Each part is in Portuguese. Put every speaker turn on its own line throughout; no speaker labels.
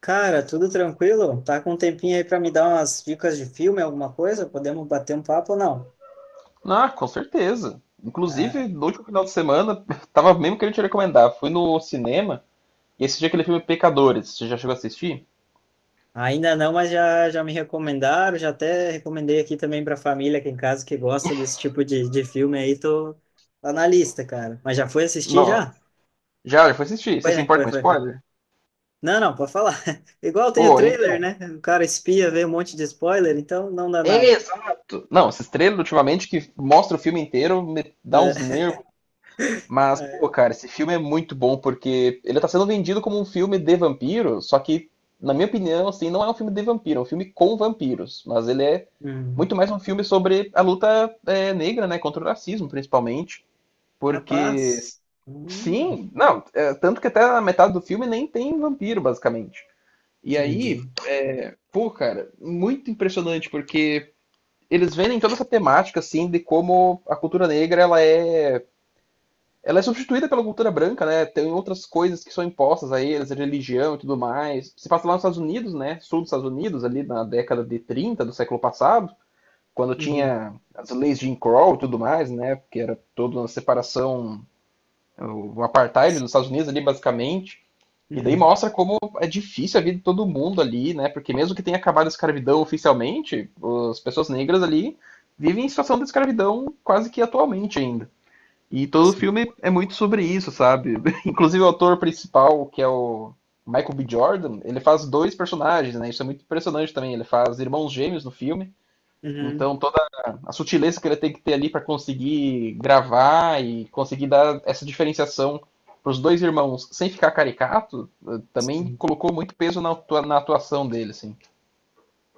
Cara, tudo tranquilo? Tá com um tempinho aí pra me dar umas dicas de filme, alguma coisa? Podemos bater um papo ou não?
Ah, com certeza. Inclusive, no último final de semana, tava mesmo querendo te recomendar. Fui no cinema e assisti aquele filme Pecadores. Você já chegou a assistir?
Ainda não, mas já me recomendaram, já até recomendei aqui também pra família aqui em casa que gosta desse tipo de filme aí, tô tá na lista, cara. Mas já foi assistir
Não.
já?
Já foi assistir. Você
Foi,
se
né?
importa
Foi,
com
foi, foi.
spoiler?
Não, não, pode falar. Igual tem o
Pô,
trailer,
então.
né? O cara espia, vê um monte de spoiler, então não dá nada.
Exato! Não, esses trailers ultimamente que mostra o filme inteiro me dá
É.
uns nervos. Mas, pô,
É.
cara, esse filme é muito bom porque ele tá sendo vendido como um filme de vampiro, só que, na minha opinião, assim, não é um filme de vampiro, é um filme com vampiros. Mas ele é
Hum,
muito mais um filme sobre a luta negra, né, contra o racismo, principalmente. Porque,
capaz. Hum,
sim, não, tanto que até a metade do filme nem tem vampiro, basicamente. E aí,
entendi.
pô, cara, muito impressionante porque eles vendem toda essa temática, assim, de como a cultura negra, ela é substituída pela cultura branca, né? Tem outras coisas que são impostas a eles, a religião e tudo mais. Se passa lá nos Estados Unidos, né? Sul dos Estados Unidos, ali na década de 30 do século passado, quando
Uhum.
tinha as leis de Jim Crow e tudo mais, né? Porque era toda uma separação, o apartheid dos Estados Unidos ali, basicamente. E daí
Uhum.
mostra como é difícil a vida de todo mundo ali, né? Porque mesmo que tenha acabado a escravidão oficialmente, as pessoas negras ali vivem em situação de escravidão quase que atualmente ainda. E todo o filme é muito sobre isso, sabe? Inclusive o ator principal, que é o Michael B. Jordan, ele faz dois personagens, né? Isso é muito impressionante também. Ele faz irmãos gêmeos no filme.
Uhum.
Então toda a sutileza que ele tem que ter ali para conseguir gravar e conseguir dar essa diferenciação para os dois irmãos sem ficar caricato, eh, também
Sim.
colocou muito peso na, na atuação dele, assim.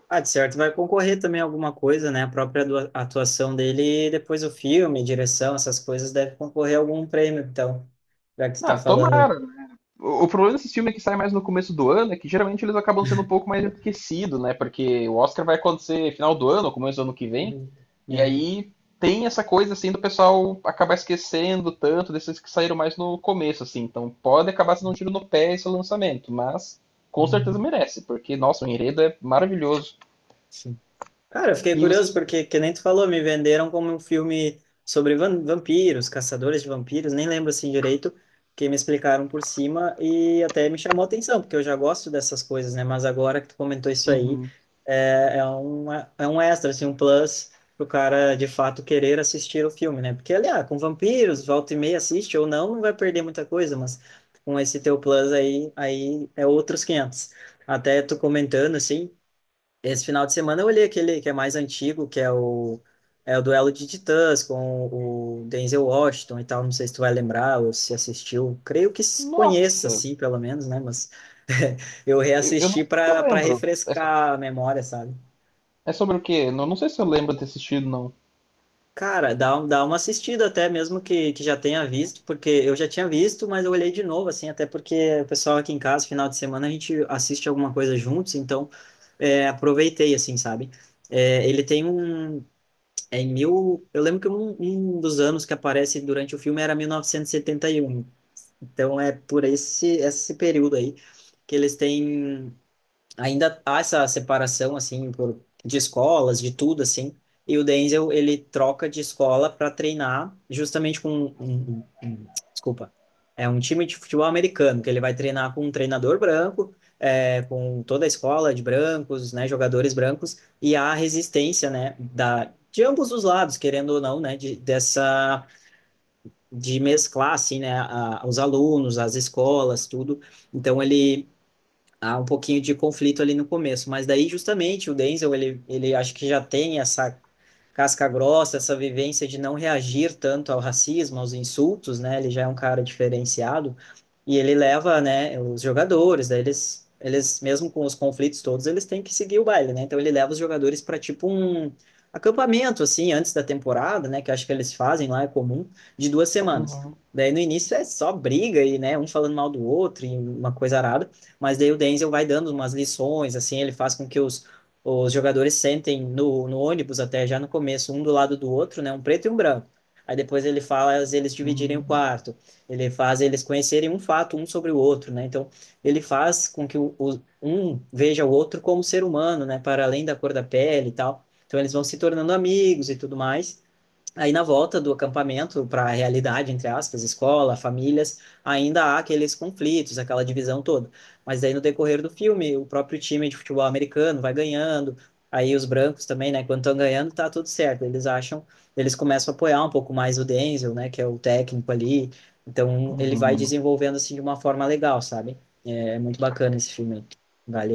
Ah, de certo, vai concorrer também alguma coisa, né? A própria atuação dele, e depois o filme, direção, essas coisas deve concorrer a algum prêmio, então, já que tu tá
Ah,
falando.
tomara. O problema desses filmes que saem mais no começo do ano é que geralmente eles acabam sendo um pouco mais esquecidos, né? Porque o Oscar vai acontecer final do ano, começo do ano que vem,
Uhum.
e
É.
aí tem essa coisa assim do pessoal acabar esquecendo tanto desses que saíram mais no começo, assim. Então pode acabar sendo um tiro no pé esse lançamento, mas com certeza
Hum.
merece, porque, nossa, o enredo é maravilhoso.
Sim. Cara, eu fiquei
E você.
curioso porque, que nem tu falou, me venderam como um filme sobre vampiros, caçadores de vampiros, nem lembro assim direito, que me explicaram por cima e até me chamou a atenção, porque eu já gosto dessas coisas, né? Mas agora que tu comentou isso aí,
Uhum.
é um extra, assim, um plus pro cara de fato querer assistir o filme, né? Porque, aliás, com vampiros, volta e meia assiste ou não, não vai perder muita coisa, mas com esse teu plus aí, aí é outros 500. Até tu comentando, assim. Esse final de semana eu olhei aquele que é mais antigo, que é o, é o duelo de titãs com o Denzel Washington e tal. Não sei se tu vai lembrar ou se assistiu. Creio que se conheça,
Nossa,
assim, pelo menos, né? Mas eu
eu não
reassisti
sei se eu
para
lembro. É, so-
refrescar a memória, sabe?
é sobre o quê? Não, não sei se eu lembro de ter assistido, não.
Cara, dá uma assistida até mesmo que já tenha visto, porque eu já tinha visto, mas eu olhei de novo, assim, até porque o pessoal aqui em casa, final de semana, a gente assiste alguma coisa juntos, então é, aproveitei, assim, sabe? É, ele tem um, É em mil. Eu lembro que um dos anos que aparece durante o filme era 1971. Então é por esse período aí que eles têm ainda há essa separação assim por de escolas, de tudo assim. E o Denzel, ele troca de escola para treinar justamente com desculpa, é um time de futebol americano que ele vai treinar com um treinador branco, é, com toda a escola de brancos, né, jogadores brancos e há a resistência, né, da de ambos os lados, querendo ou não, né, dessa de mesclar assim, né, a, os alunos, as escolas, tudo. Então ele há um pouquinho de conflito ali no começo, mas daí justamente o Denzel, ele acho que já tem essa casca grossa, essa vivência de não reagir tanto ao racismo, aos insultos, né? Ele já é um cara diferenciado e ele leva, né, os jogadores, daí eles mesmo com os conflitos todos, eles têm que seguir o baile, né? Então ele leva os jogadores para tipo um acampamento assim antes da temporada, né, que acho que eles fazem lá é comum, de duas semanas.
Uhum.
Daí no início é só briga e, né, um falando mal do outro e uma coisa arada, mas daí o Denzel vai dando umas lições, assim, ele faz com que os jogadores sentem no ônibus até já no começo, um do lado do outro, né, um preto e um branco. Aí depois ele faz eles dividirem o
Uhum.
quarto, ele faz eles conhecerem um fato um sobre o outro, né? Então ele faz com que um veja o outro como ser humano, né? Para além da cor da pele e tal. Então eles vão se tornando amigos e tudo mais. Aí, na volta do acampamento para a realidade, entre aspas, escola, famílias, ainda há aqueles conflitos, aquela divisão toda. Mas aí, no decorrer do filme, o próprio time de futebol americano vai ganhando, aí os brancos também, né? Quando estão ganhando, tá tudo certo. Eles acham, eles começam a apoiar um pouco mais o Denzel, né? Que é o técnico ali. Então, ele vai
Uhum.
desenvolvendo, assim, de uma forma legal, sabe? É muito bacana esse filme aí.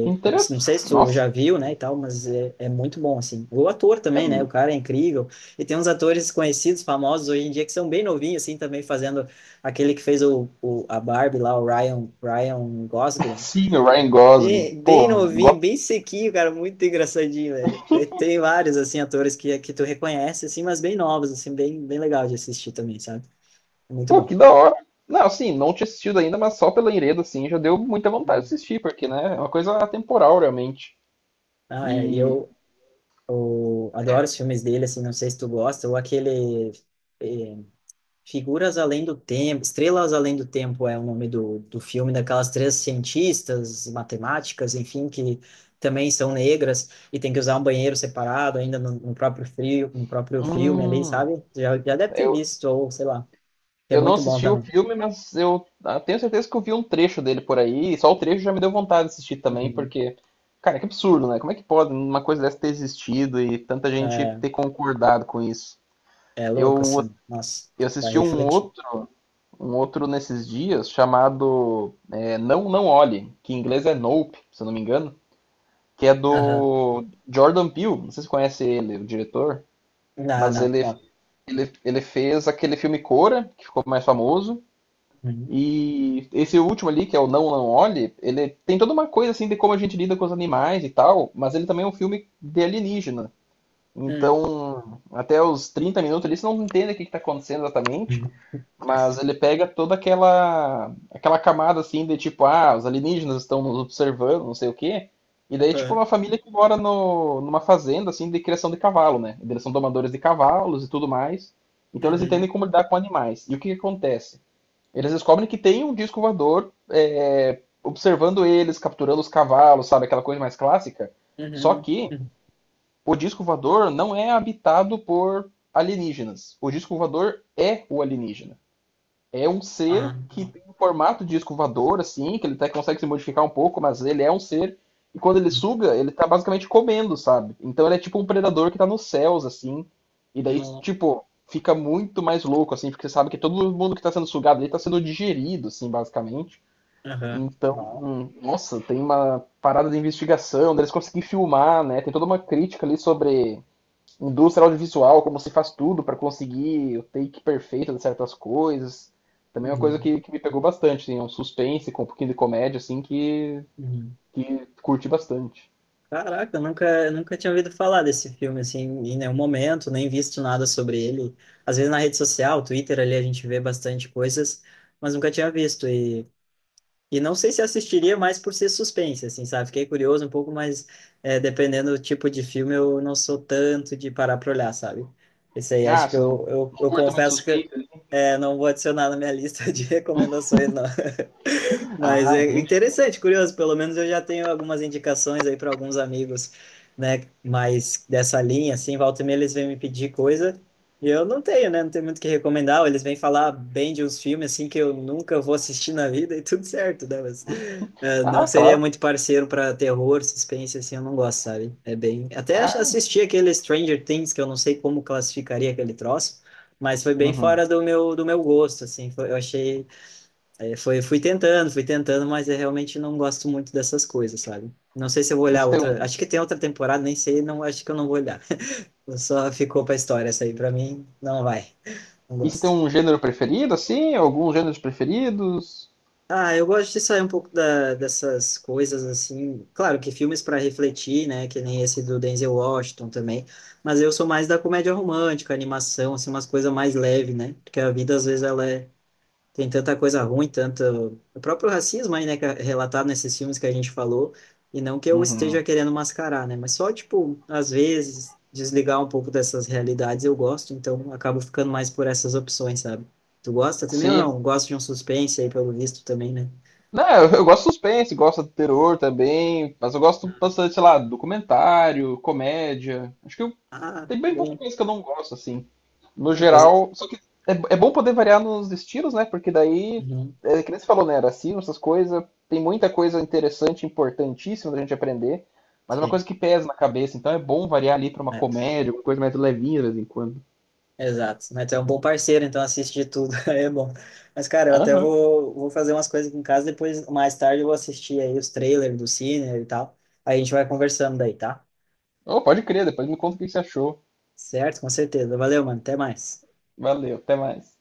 Que
Não sei se
interessante.
tu
Nossa,
já viu, né, e tal, mas é muito bom, assim. O ator também,
eu
né? O
não-
cara é incrível. E tem uns atores conhecidos, famosos hoje em dia, que são bem novinhos, assim, também fazendo aquele que fez a Barbie lá, o Ryan Gosling.
sim, o Ryan Gosling.
Bem, bem
Pô,
novinho, bem sequinho, cara, muito engraçadinho, velho. Daí tem vários, assim, atores que tu reconhece, assim, mas bem novos, assim, bem, bem legal de assistir também, sabe? É muito bom.
que da hora. Não, assim, não tinha assistido ainda, mas só pela enredo, assim, já deu muita vontade de
Uhum.
assistir, porque, né, é uma coisa atemporal, realmente.
Ah, é, e
E,
eu, eu adoro os filmes dele, assim, não sei se tu gosta, ou aquele... eh, Figuras Além do Tempo, Estrelas Além do Tempo é o nome do filme daquelas três cientistas, matemáticas, enfim, que também são negras e tem que usar um banheiro separado ainda no próprio frio, no próprio filme ali,
hum,
sabe? Já deve ter
eu,
visto, ou sei lá, que é
eu não
muito bom
assisti o
também.
filme, mas eu ah, tenho certeza que eu vi um trecho dele por aí, e só o trecho já me deu vontade de assistir também,
Uhum.
porque, cara, que absurdo, né? Como é que pode uma coisa dessa ter existido e tanta gente
É,
ter concordado com isso?
é louco,
Eu,
assim, nossa,
eu
vai
assisti
refletir.
um outro nesses dias chamado Não Não Olhe, que em inglês é Nope, se eu não me engano, que é
Aham.
do Jordan Peele, não sei se você conhece ele, o diretor,
Não,
mas
não,
ele,
não.
ele, ele fez aquele filme Cora, que ficou mais famoso,
Uhum.
e esse último ali, que é o Não Não Olhe, ele tem toda uma coisa assim de como a gente lida com os animais e tal, mas ele também é um filme de alienígena.
Uhum.
Então, até os 30 minutos ali, você não entende o que está acontecendo exatamente,
Uhum.
mas ele pega toda aquela camada assim de tipo, ah, os alienígenas estão nos observando, não sei o quê. E daí, tipo,
Aham.
uma família que mora no, numa fazenda assim de criação de cavalo, né? Eles são domadores de cavalos e tudo mais. Então eles entendem
Uhum.
como lidar com animais. E o que, que acontece? Eles descobrem que tem um disco voador observando eles, capturando os cavalos, sabe? Aquela coisa mais clássica. Só
Uhum.
que
Uhum.
o disco voador não é habitado por alienígenas. O disco voador é o alienígena. É um ser
Ah,
que
não.
tem o formato de escovador, assim, que ele até consegue se modificar um pouco, mas ele é um ser. E quando ele suga, ele tá basicamente comendo, sabe? Então ele é tipo um predador que tá nos céus, assim. E daí,
Não.
tipo, fica muito mais louco, assim, porque você sabe que todo mundo que tá sendo sugado ali tá sendo digerido, assim, basicamente.
Aham.
Então,
Não.
nossa, tem uma parada de investigação, deles conseguir filmar, né? Tem toda uma crítica ali sobre indústria audiovisual, como se faz tudo para conseguir o take perfeito de certas coisas. Também é uma coisa
Uhum,
que me pegou bastante, assim, é um suspense com um pouquinho de comédia, assim, que,
uhum.
que curti bastante.
Caraca, eu nunca, nunca tinha ouvido falar desse filme, assim, em nenhum momento, nem visto nada sobre ele. Às vezes na rede social, Twitter, ali a gente vê bastante coisas, mas nunca tinha visto. E não sei se assistiria mais por ser suspense, assim, sabe? Fiquei curioso um pouco, mas é, dependendo do tipo de filme, eu não sou tanto de parar pra olhar, sabe? Esse aí,
Ah,
acho
você não, não
eu
curta muito
confesso que
suspense? Né?
é, não vou adicionar na minha lista de recomendações, não. Mas
Ah,
é
entendi.
interessante, curioso. Pelo menos eu já tenho algumas indicações aí para alguns amigos, né? Mas dessa linha, assim, volta e meia eles vêm me pedir coisa e eu não tenho, né? Não tenho muito o que recomendar. Ou eles vêm falar bem de uns filmes, assim, que eu nunca vou assistir na vida e tudo certo, né? Mas não
Ah,
seria
claro.
muito parceiro para terror, suspense, assim, eu não gosto, sabe? É bem.
Ah,
Assisti aquele Stranger Things, que eu não sei como classificaria aquele troço. Mas foi bem
uhum.
fora do meu gosto, assim. Foi- eu achei Aí foi, fui tentando, mas eu realmente não gosto muito dessas coisas, sabe? Não sei se eu vou
E
olhar
você tem
outra.
um,
Acho que tem outra temporada, nem sei, não, acho que eu não vou olhar. Só ficou pra história essa aí, pra mim, não vai. Não
e você tem
gosto.
um gênero preferido, assim? Alguns gêneros preferidos?
Ah, eu gosto de sair um pouco dessas coisas assim. Claro que filmes para refletir, né? Que nem esse do Denzel Washington também. Mas eu sou mais da comédia romântica, animação, assim, umas coisas mais leves, né? Porque a vida às vezes ela é, tem tanta coisa ruim, tanto o próprio racismo aí, né, que é relatado nesses filmes que a gente falou, e não que eu
Uhum.
esteja querendo mascarar, né, mas só, tipo, às vezes, desligar um pouco dessas realidades eu gosto, então acabo ficando mais por essas opções, sabe? Tu gosta também ou
Sim.
não? Gosto de um suspense aí, pelo visto, também, né?
Não, eu gosto de suspense, gosto de terror também, mas eu gosto bastante, sei lá, documentário, comédia. Acho que
Ah,
tem bem pouca
bem,
coisa que eu não gosto, assim. No
ah, coisa...
geral, só que é bom poder variar nos estilos, né? Porque daí,
Uhum,
que nem você falou, né? Racismo, essas coisas, tem muita coisa interessante, importantíssima da gente aprender, mas é uma
sei.
coisa que pesa na cabeça, então é bom variar ali pra uma
Né?
comédia, uma coisa mais levinha de vez em quando.
Exato, né? Tu é um bom parceiro, então assiste de tudo, aí é bom. Mas, cara, eu até
Aham.
vou fazer umas coisas aqui em casa, depois, mais tarde, eu vou assistir aí os trailers do Cine e tal. Aí a gente vai conversando daí, tá?
Oh, pode crer, depois me conta o que você achou.
Certo? Com certeza. Valeu, mano. Até mais.
Valeu, até mais.